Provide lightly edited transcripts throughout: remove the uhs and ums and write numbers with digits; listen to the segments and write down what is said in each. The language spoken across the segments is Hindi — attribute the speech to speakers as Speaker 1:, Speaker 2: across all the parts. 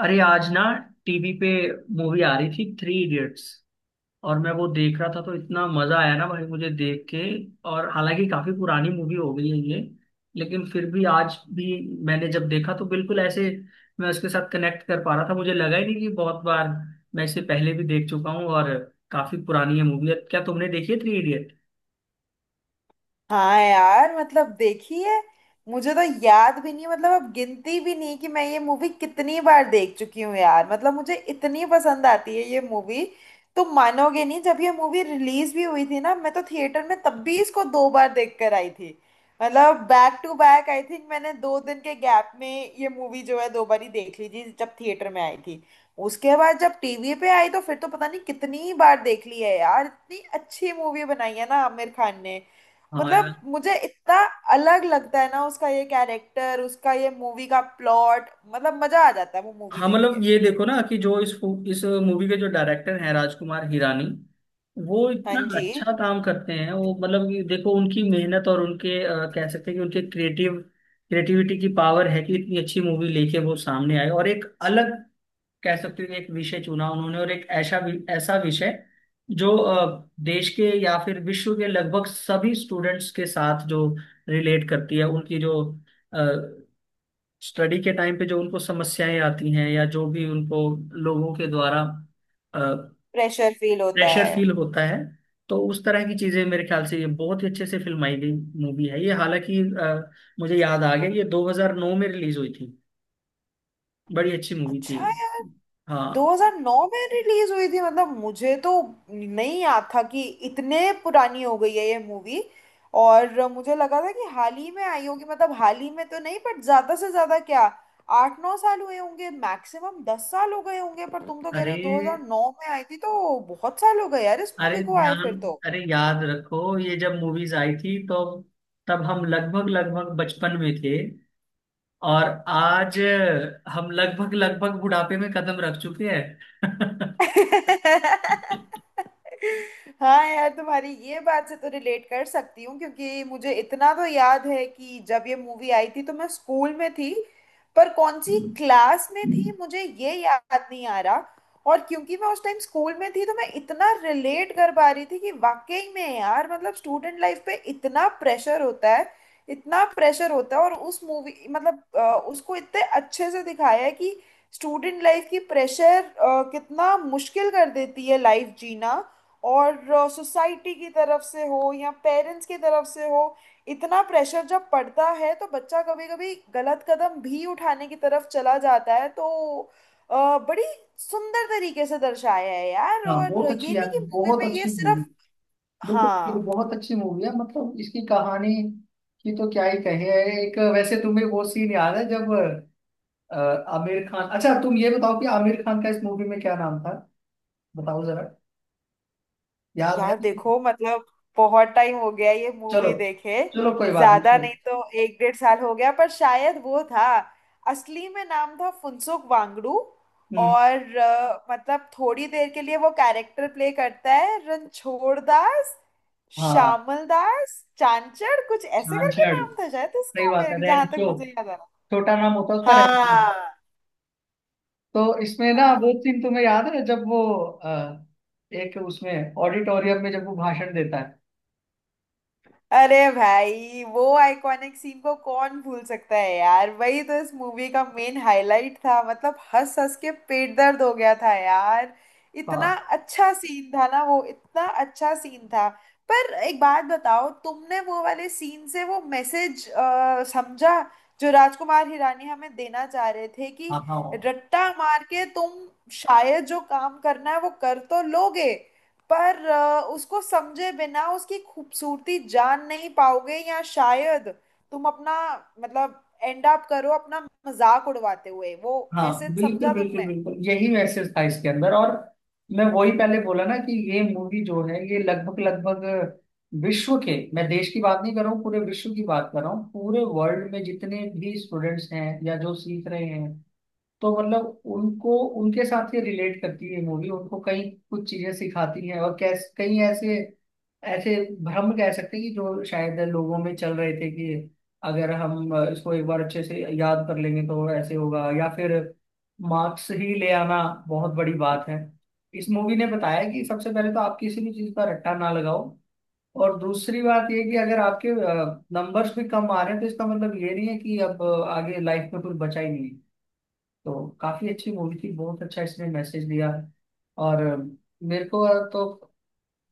Speaker 1: अरे आज ना टीवी पे मूवी आ रही थी थ्री इडियट्स। और मैं वो देख रहा था तो इतना मजा आया ना भाई मुझे देख के। और हालांकि काफी पुरानी मूवी हो गई है ये, लेकिन फिर भी आज भी मैंने जब देखा तो बिल्कुल ऐसे मैं उसके साथ कनेक्ट कर पा रहा था। मुझे लगा ही नहीं कि बहुत बार मैं इसे पहले भी देख चुका हूँ, और काफी पुरानी है मूवी। क्या तुमने देखी है थ्री इडियट?
Speaker 2: हाँ यार, मतलब देखी है। मुझे तो याद भी नहीं है, मतलब अब गिनती भी नहीं कि मैं ये मूवी कितनी बार देख चुकी हूँ। यार मतलब मुझे इतनी पसंद आती है ये मूवी। तुम मानोगे नहीं, जब ये मूवी रिलीज भी हुई थी ना, मैं तो थिएटर में तब भी इसको दो बार देख कर आई थी। मतलब back to back, I think मैंने दो दिन के गैप में ये मूवी जो है दो बार ही देख ली थी जब थिएटर में आई थी। उसके बाद जब टीवी पे आई तो फिर तो पता नहीं कितनी बार देख ली है यार। इतनी अच्छी मूवी बनाई है ना आमिर खान ने।
Speaker 1: हाँ यार।
Speaker 2: मतलब मुझे इतना अलग लगता है ना उसका ये कैरेक्टर, उसका ये मूवी का प्लॉट। मतलब मजा आ जाता है वो मूवी
Speaker 1: हाँ
Speaker 2: देख
Speaker 1: मतलब
Speaker 2: के।
Speaker 1: ये देखो ना कि जो इस इस मूवी के जो डायरेक्टर हैं राजकुमार हिरानी, वो
Speaker 2: हाँ
Speaker 1: इतना
Speaker 2: जी।
Speaker 1: अच्छा काम करते हैं। वो मतलब कि देखो उनकी मेहनत और उनके कह सकते हैं कि उनके क्रिएटिविटी की पावर है कि इतनी अच्छी मूवी लेके वो सामने आए। और एक अलग कह सकते हैं कि एक विषय चुना उन्होंने, और एक ऐसा विषय जो देश के या फिर विश्व के लगभग सभी स्टूडेंट्स के साथ जो रिलेट करती है। उनकी जो स्टडी के टाइम पे जो उनको समस्याएं आती हैं या जो भी उनको लोगों के द्वारा प्रेशर
Speaker 2: प्रेशर फील होता है।
Speaker 1: फील होता है, तो उस तरह की चीजें मेरे ख्याल से ये बहुत ही अच्छे से फिल्माई गई मूवी है ये। हालांकि मुझे याद आ गया, ये 2009 में रिलीज हुई थी। बड़ी अच्छी मूवी थी।
Speaker 2: अच्छा,
Speaker 1: हाँ।
Speaker 2: 2009 में रिलीज हुई थी? मतलब मुझे तो नहीं याद था कि इतने पुरानी हो गई है ये मूवी। और मुझे लगा था कि हाल ही में आई होगी, मतलब हाल ही में तो नहीं, बट ज्यादा से ज्यादा क्या आठ नौ साल हुए होंगे मैक्सिमम, दस साल हो गए होंगे। पर तुम तो कह
Speaker 1: अरे,
Speaker 2: रहे हो 2009 में आई थी, तो बहुत साल हो गए यार इस
Speaker 1: अरे
Speaker 2: मूवी को आए
Speaker 1: ध्यान,
Speaker 2: फिर तो।
Speaker 1: अरे याद रखो ये जब मूवीज आई थी तो तब हम लगभग लगभग बचपन में थे, और आज हम लगभग लगभग बुढ़ापे में कदम रख चुके हैं।
Speaker 2: हाँ यार, तुम्हारी ये बात से तो रिलेट कर सकती हूँ, क्योंकि मुझे इतना तो याद है कि जब ये मूवी आई थी तो मैं स्कूल में थी। पर कौन सी क्लास में थी मुझे ये याद नहीं आ रहा। और क्योंकि मैं उस टाइम स्कूल में थी, तो मैं इतना रिलेट कर पा रही थी कि वाकई में यार, मतलब स्टूडेंट लाइफ पे इतना प्रेशर होता है। इतना प्रेशर होता है और उस मूवी, उसको इतने अच्छे से दिखाया है कि स्टूडेंट लाइफ की प्रेशर कितना मुश्किल कर देती है लाइफ जीना। और सोसाइटी की तरफ से हो या पेरेंट्स की तरफ से हो, इतना प्रेशर जब पड़ता है तो बच्चा कभी कभी गलत कदम भी उठाने की तरफ चला जाता है। तो बड़ी सुंदर तरीके से दर्शाया है यार,
Speaker 1: हाँ
Speaker 2: और
Speaker 1: बहुत अच्छी
Speaker 2: ये
Speaker 1: यार,
Speaker 2: नहीं कि मूवी
Speaker 1: बहुत
Speaker 2: में ये
Speaker 1: अच्छी मूवी।
Speaker 2: सिर्फ।
Speaker 1: बिल्कुल ये तो
Speaker 2: हाँ
Speaker 1: बहुत अच्छी मूवी है। मतलब इसकी कहानी की तो क्या ही कहे। एक वैसे तुम्हें वो सीन याद है जब अ, आमिर खान, अच्छा तुम ये बताओ कि आमिर खान का इस मूवी में क्या नाम था? बताओ जरा। याद है?
Speaker 2: यार, देखो मतलब बहुत टाइम हो गया ये
Speaker 1: चलो,
Speaker 2: मूवी देखे।
Speaker 1: चलो कोई बात नहीं
Speaker 2: ज्यादा
Speaker 1: ठीक।
Speaker 2: नहीं तो एक डेढ़ साल हो गया, पर शायद वो था, असली में नाम था फुनसुक वांगडू।
Speaker 1: हम्म।
Speaker 2: और मतलब थोड़ी देर के लिए वो कैरेक्टर प्ले करता है रणछोड़ दास
Speaker 1: हाँ,
Speaker 2: श्यामल दास चांचड़, कुछ ऐसे करके
Speaker 1: छाछड़।
Speaker 2: नाम था शायद
Speaker 1: सही
Speaker 2: इसका
Speaker 1: बात है,
Speaker 2: मेरे, जहां तक
Speaker 1: रैंचो।
Speaker 2: मुझे याद आ रहा।
Speaker 1: छोटा नाम होता है उसका रैंचो।
Speaker 2: हाँ।
Speaker 1: तो इसमें ना
Speaker 2: हाँ,
Speaker 1: वो सीन तुम्हें याद है जब वो अ, एक उसमें ऑडिटोरियम में जब वो भाषण देता है।
Speaker 2: अरे भाई वो आइकॉनिक सीन को कौन भूल सकता है यार, वही तो इस मूवी का मेन हाईलाइट था। मतलब हंस हंस के पेट दर्द हो गया था यार। इतना
Speaker 1: हाँ
Speaker 2: अच्छा सीन था ना वो, इतना अच्छा सीन था। पर एक बात बताओ, तुमने वो वाले सीन से वो मैसेज समझा जो राजकुमार हिरानी हमें देना चाह रहे थे कि
Speaker 1: हाँ हाँ।
Speaker 2: रट्टा मार के तुम शायद जो काम करना है वो कर तो लोगे, पर उसको समझे बिना उसकी खूबसूरती जान नहीं पाओगे, या शायद तुम अपना, मतलब एंड अप करो अपना मजाक उड़वाते हुए वो।
Speaker 1: हाँ
Speaker 2: मैसेज
Speaker 1: बिल्कुल
Speaker 2: समझा
Speaker 1: बिल्कुल
Speaker 2: तुमने?
Speaker 1: बिल्कुल, यही मैसेज था इसके अंदर। और मैं वही पहले बोला ना कि ये मूवी जो है ये लगभग लगभग विश्व के, मैं देश की बात नहीं कर रहा हूँ, पूरे विश्व की बात कर रहा हूँ। पूरे वर्ल्ड में जितने भी स्टूडेंट्स हैं या जो सीख रहे हैं तो मतलब उनको, उनके साथ ये रिलेट करती है मूवी। उनको कई कुछ चीजें सिखाती हैं। और कैसे कई ऐसे ऐसे भ्रम कह सकते हैं कि जो शायद लोगों में चल रहे थे कि अगर हम इसको एक बार अच्छे से याद कर लेंगे तो ऐसे होगा, या फिर मार्क्स ही ले आना बहुत बड़ी बात है। इस मूवी ने बताया कि सबसे पहले तो आप किसी भी चीज का रट्टा ना लगाओ, और दूसरी बात ये कि अगर आपके नंबर्स भी कम आ रहे हैं तो इसका मतलब ये नहीं है कि अब आगे लाइफ में कुछ बचा ही नहीं है। तो काफी अच्छी मूवी थी, बहुत अच्छा इसने मैसेज दिया। और मेरे को तो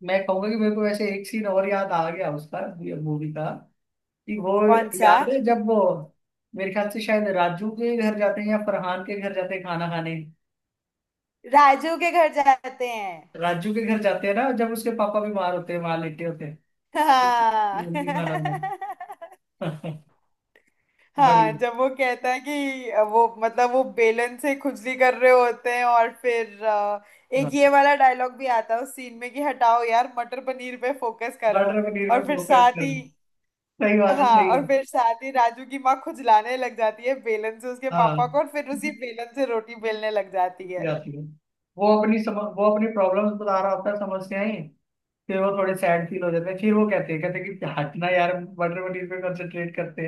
Speaker 1: मैं कहूंगा कि मेरे को वैसे एक सीन और याद आ गया उसका, मूवी का, कि वो
Speaker 2: कौन सा?
Speaker 1: याद है जब वो मेरे ख्याल से शायद राजू के घर जाते हैं या फरहान के घर जाते हैं खाना खाने।
Speaker 2: राजू के घर जाते हैं।
Speaker 1: राजू के घर जाते हैं ना, जब उसके पापा बीमार होते हैं वहां लेटे होते हैं।
Speaker 2: हाँ।
Speaker 1: उनकी खाना बनाओ।
Speaker 2: हाँ,
Speaker 1: बड़ी,
Speaker 2: जब वो कहता है कि वो मतलब वो बेलन से खुजली कर रहे होते हैं और फिर एक
Speaker 1: हाँ,
Speaker 2: ये वाला डायलॉग भी आता है उस सीन में कि हटाओ यार मटर पनीर पे फोकस करो।
Speaker 1: मर्डर पनीर में
Speaker 2: और फिर
Speaker 1: फोकस
Speaker 2: साथ ही।
Speaker 1: कर। सही बात है,
Speaker 2: हाँ,
Speaker 1: सही
Speaker 2: और
Speaker 1: बात
Speaker 2: फिर
Speaker 1: है।
Speaker 2: साथ ही राजू की माँ खुजलाने लग जाती है बेलन से उसके
Speaker 1: हाँ
Speaker 2: पापा को और फिर उसी बेलन से रोटी बेलने लग जाती
Speaker 1: ये
Speaker 2: है।
Speaker 1: आती है। वो अपनी प्रॉब्लम्स बता रहा होता है, समस्याएं। फिर वो थोड़े सैड फील हो जाते हैं, फिर वो कहते हैं कि हटना यार बटर पनीर पे कंसंट्रेट करते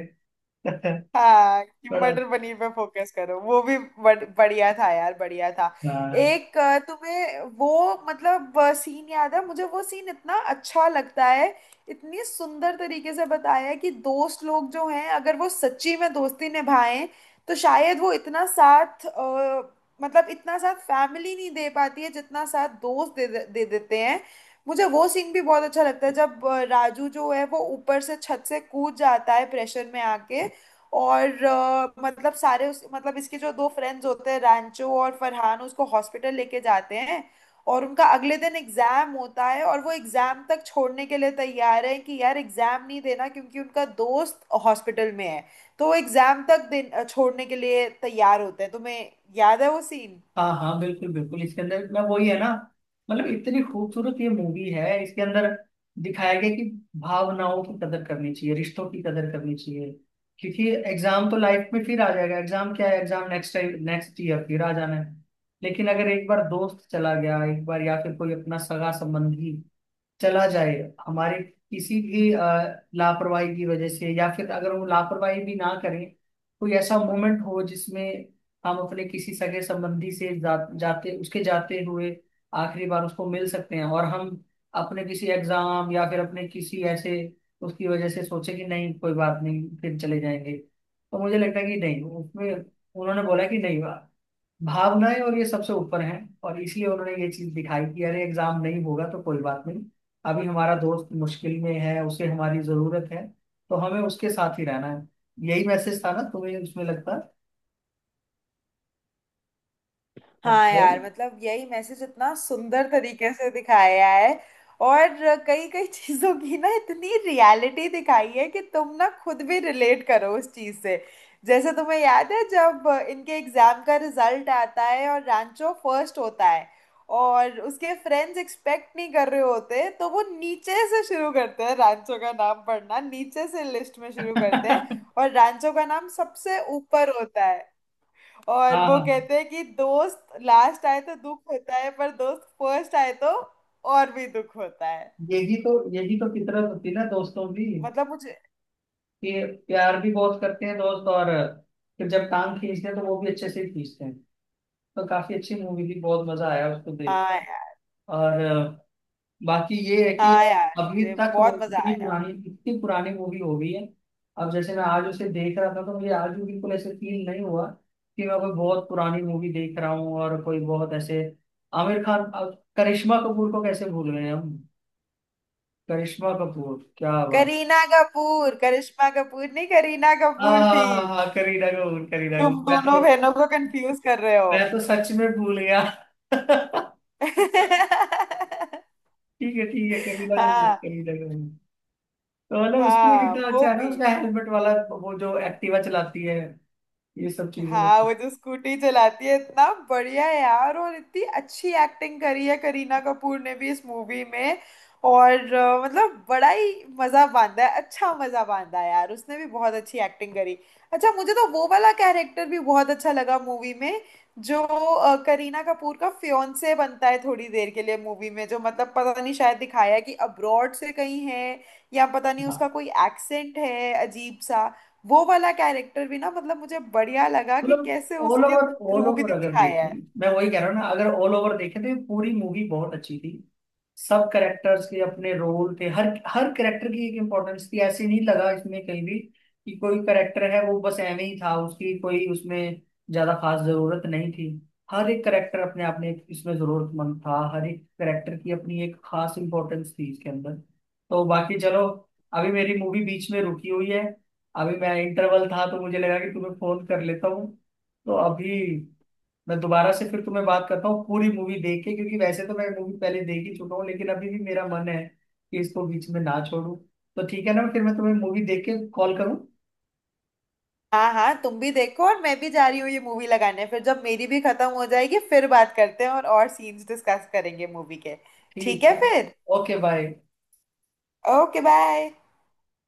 Speaker 1: हैं।
Speaker 2: हाँ, कि
Speaker 1: बड़ा
Speaker 2: मटर पनीर पे फोकस करो। वो भी बढ़िया था यार, बढ़िया था।
Speaker 1: अच्छा। हाँ
Speaker 2: एक तुम्हें वो मतलब सीन याद है, मुझे वो सीन इतना अच्छा लगता है। इतनी सुंदर तरीके से बताया है कि दोस्त लोग जो हैं अगर वो सच्ची में दोस्ती निभाएं तो शायद वो इतना साथ मतलब इतना साथ फैमिली नहीं दे पाती है जितना साथ दोस्त दे देते हैं। मुझे वो सीन भी बहुत अच्छा लगता है जब राजू जो है वो ऊपर से छत से कूद जाता है प्रेशर में आके। और मतलब सारे उस मतलब इसके जो दो फ्रेंड्स होते हैं रैंचो और फरहान, उसको हॉस्पिटल लेके जाते हैं। और उनका अगले दिन एग्जाम होता है और वो एग्जाम तक छोड़ने के लिए तैयार है कि यार एग्जाम नहीं देना क्योंकि उनका दोस्त हॉस्पिटल में है। तो वो एग्जाम तक दिन छोड़ने के लिए तैयार होते हैं। तुम्हें याद है वो सीन?
Speaker 1: हाँ। हाँ बिल्कुल बिल्कुल। इसके अंदर मैं वही है ना, मतलब इतनी खूबसूरत ये मूवी है। इसके अंदर दिखाया गया कि भावनाओं की कदर करनी चाहिए, रिश्तों की कदर करनी चाहिए। क्योंकि एग्जाम तो लाइफ में फिर आ जाएगा, एग्जाम क्या है, exam next time next year फिर आ जाना है। लेकिन अगर एक बार दोस्त चला गया, एक बार, या फिर कोई अपना सगा संबंधी चला जाए हमारे किसी भी लापरवाही की वजह से, या फिर अगर वो लापरवाही भी ना करें, कोई ऐसा मोमेंट हो जिसमें हम अपने किसी सगे संबंधी से जाते उसके जाते हुए आखिरी बार उसको मिल सकते हैं, और हम अपने किसी एग्जाम या फिर अपने किसी ऐसे उसकी वजह से सोचे कि नहीं कोई बात नहीं फिर चले जाएंगे, तो मुझे लगता है कि नहीं उसमें उन्होंने बोला कि नहीं, भावनाएं और ये सबसे ऊपर हैं। और इसलिए उन्होंने ये चीज दिखाई कि अरे एग्जाम नहीं होगा तो कोई बात नहीं, अभी हमारा दोस्त मुश्किल में है उसे हमारी जरूरत है, तो हमें उसके साथ ही रहना है। यही मैसेज था ना तुम्हें उसमें लगता?
Speaker 2: हाँ
Speaker 1: बताओ।
Speaker 2: यार, मतलब यही मैसेज इतना सुंदर तरीके से दिखाया है। और कई कई चीजों की ना इतनी रियलिटी दिखाई है कि तुम ना खुद भी रिलेट करो उस चीज से। जैसे तुम्हें याद है जब इनके एग्जाम का रिजल्ट आता है और रांचो फर्स्ट होता है, और उसके फ्रेंड्स एक्सपेक्ट नहीं कर रहे होते तो वो नीचे से शुरू करते हैं रांचो का नाम पढ़ना, नीचे से लिस्ट में शुरू करते हैं, और रांचो का नाम सबसे ऊपर होता है। और
Speaker 1: हाँ
Speaker 2: वो
Speaker 1: हाँ,
Speaker 2: कहते हैं कि दोस्त लास्ट आए तो दुख होता है, पर दोस्त फर्स्ट आए तो और भी दुख होता है।
Speaker 1: यही तो, यही तो फितरत होती है ना दोस्तों की
Speaker 2: मतलब मुझे।
Speaker 1: कि प्यार भी बहुत करते हैं दोस्त, और फिर जब टांग खींचते हैं तो वो भी अच्छे से खींचते हैं। तो काफी अच्छी मूवी थी, बहुत मजा आया उसको देख।
Speaker 2: हाँ यार।
Speaker 1: और बाकी ये है कि
Speaker 2: हाँ यार,
Speaker 1: अभी
Speaker 2: मुझे
Speaker 1: तक वो
Speaker 2: बहुत मजा
Speaker 1: इतनी
Speaker 2: आया।
Speaker 1: पुरानी, इतनी पुरानी मूवी हो गई है, अब जैसे मैं आज उसे देख रहा था तो मुझे आज भी बिल्कुल ऐसे फील नहीं हुआ कि मैं कोई बहुत पुरानी मूवी देख रहा हूँ। और कोई बहुत ऐसे आमिर खान, अब करिश्मा कपूर को कैसे भूल गए हम? करिश्मा कपूर, क्या बात।
Speaker 2: करीना कपूर, करिश्मा कपूर नहीं, करीना
Speaker 1: हाँ
Speaker 2: कपूर
Speaker 1: हाँ
Speaker 2: थी।
Speaker 1: हाँ हाँ, हाँ, करीना कपूर करीना
Speaker 2: तुम
Speaker 1: कपूर, मैं
Speaker 2: दोनों
Speaker 1: तो,
Speaker 2: बहनों को कंफ्यूज कर रहे हो।
Speaker 1: मैं तो सच में भूल गया। ठीक है ठीक है, करीना कपूर
Speaker 2: हाँ।
Speaker 1: करीना कपूर। तो मतलब उसमें
Speaker 2: हाँ
Speaker 1: कितना
Speaker 2: वो
Speaker 1: अच्छा है ना
Speaker 2: भी।
Speaker 1: उसका हेलमेट वाला, वो जो एक्टिवा चलाती है, ये सब चीजें।
Speaker 2: हाँ, वो जो स्कूटी चलाती है, इतना बढ़िया है यार, और इतनी अच्छी एक्टिंग करी है करीना कपूर ने भी इस मूवी में। और मतलब बड़ा ही मजा बांधा है, अच्छा मजा बांधा है यार, उसने भी बहुत अच्छी एक्टिंग करी। अच्छा, मुझे तो वो वाला कैरेक्टर भी बहुत अच्छा लगा मूवी में, जो करीना कपूर का फियोंसे बनता है थोड़ी देर के लिए मूवी में, जो मतलब पता नहीं शायद दिखाया है कि अब्रॉड से कहीं है या पता नहीं
Speaker 1: हाँ,
Speaker 2: उसका कोई एक्सेंट है अजीब सा। वो वाला कैरेक्टर भी ना मतलब मुझे बढ़िया लगा कि
Speaker 1: मतलब
Speaker 2: कैसे
Speaker 1: ऑल
Speaker 2: उसके
Speaker 1: ओवर, ऑल
Speaker 2: थ्रू भी
Speaker 1: ओवर अगर
Speaker 2: दिखाया
Speaker 1: देखी,
Speaker 2: है।
Speaker 1: मैं वही कह रहा हूँ ना, अगर ऑल ओवर देखे तो ये पूरी मूवी बहुत अच्छी थी। सब कैरेक्टर्स के अपने रोल थे, हर हर कैरेक्टर की एक इम्पोर्टेंस थी। ऐसे नहीं लगा इसमें कहीं भी कि कोई कैरेक्टर है वो बस ऐਵੇਂ ही था, उसकी कोई उसमें ज्यादा खास जरूरत नहीं थी। हर एक कैरेक्टर अपने आप में इसमें जरूरतमंद था, हर एक कैरेक्टर की अपनी एक खास इम्पोर्टेंस थी इसके अंदर। तो बाकी चलो, अभी मेरी मूवी बीच में रुकी हुई है, अभी मैं इंटरवल था तो मुझे लगा कि तुम्हें फोन कर लेता हूँ। तो अभी मैं दोबारा से फिर तुम्हें बात करता हूँ पूरी मूवी देख के, क्योंकि वैसे तो मैं मूवी पहले देख ही चुका हूँ लेकिन अभी भी मेरा मन है कि इसको बीच में ना छोड़ूं। तो ठीक है ना, फिर मैं तुम्हें मूवी देख के कॉल करूँ।
Speaker 2: हाँ हाँ, तुम भी देखो और मैं भी जा रही हूँ ये मूवी लगाने, फिर जब मेरी भी खत्म हो जाएगी फिर बात करते हैं और सीन्स डिस्कस करेंगे मूवी के। ठीक
Speaker 1: ठीक
Speaker 2: है
Speaker 1: है।
Speaker 2: फिर।
Speaker 1: Okay bye.
Speaker 2: Okay, bye.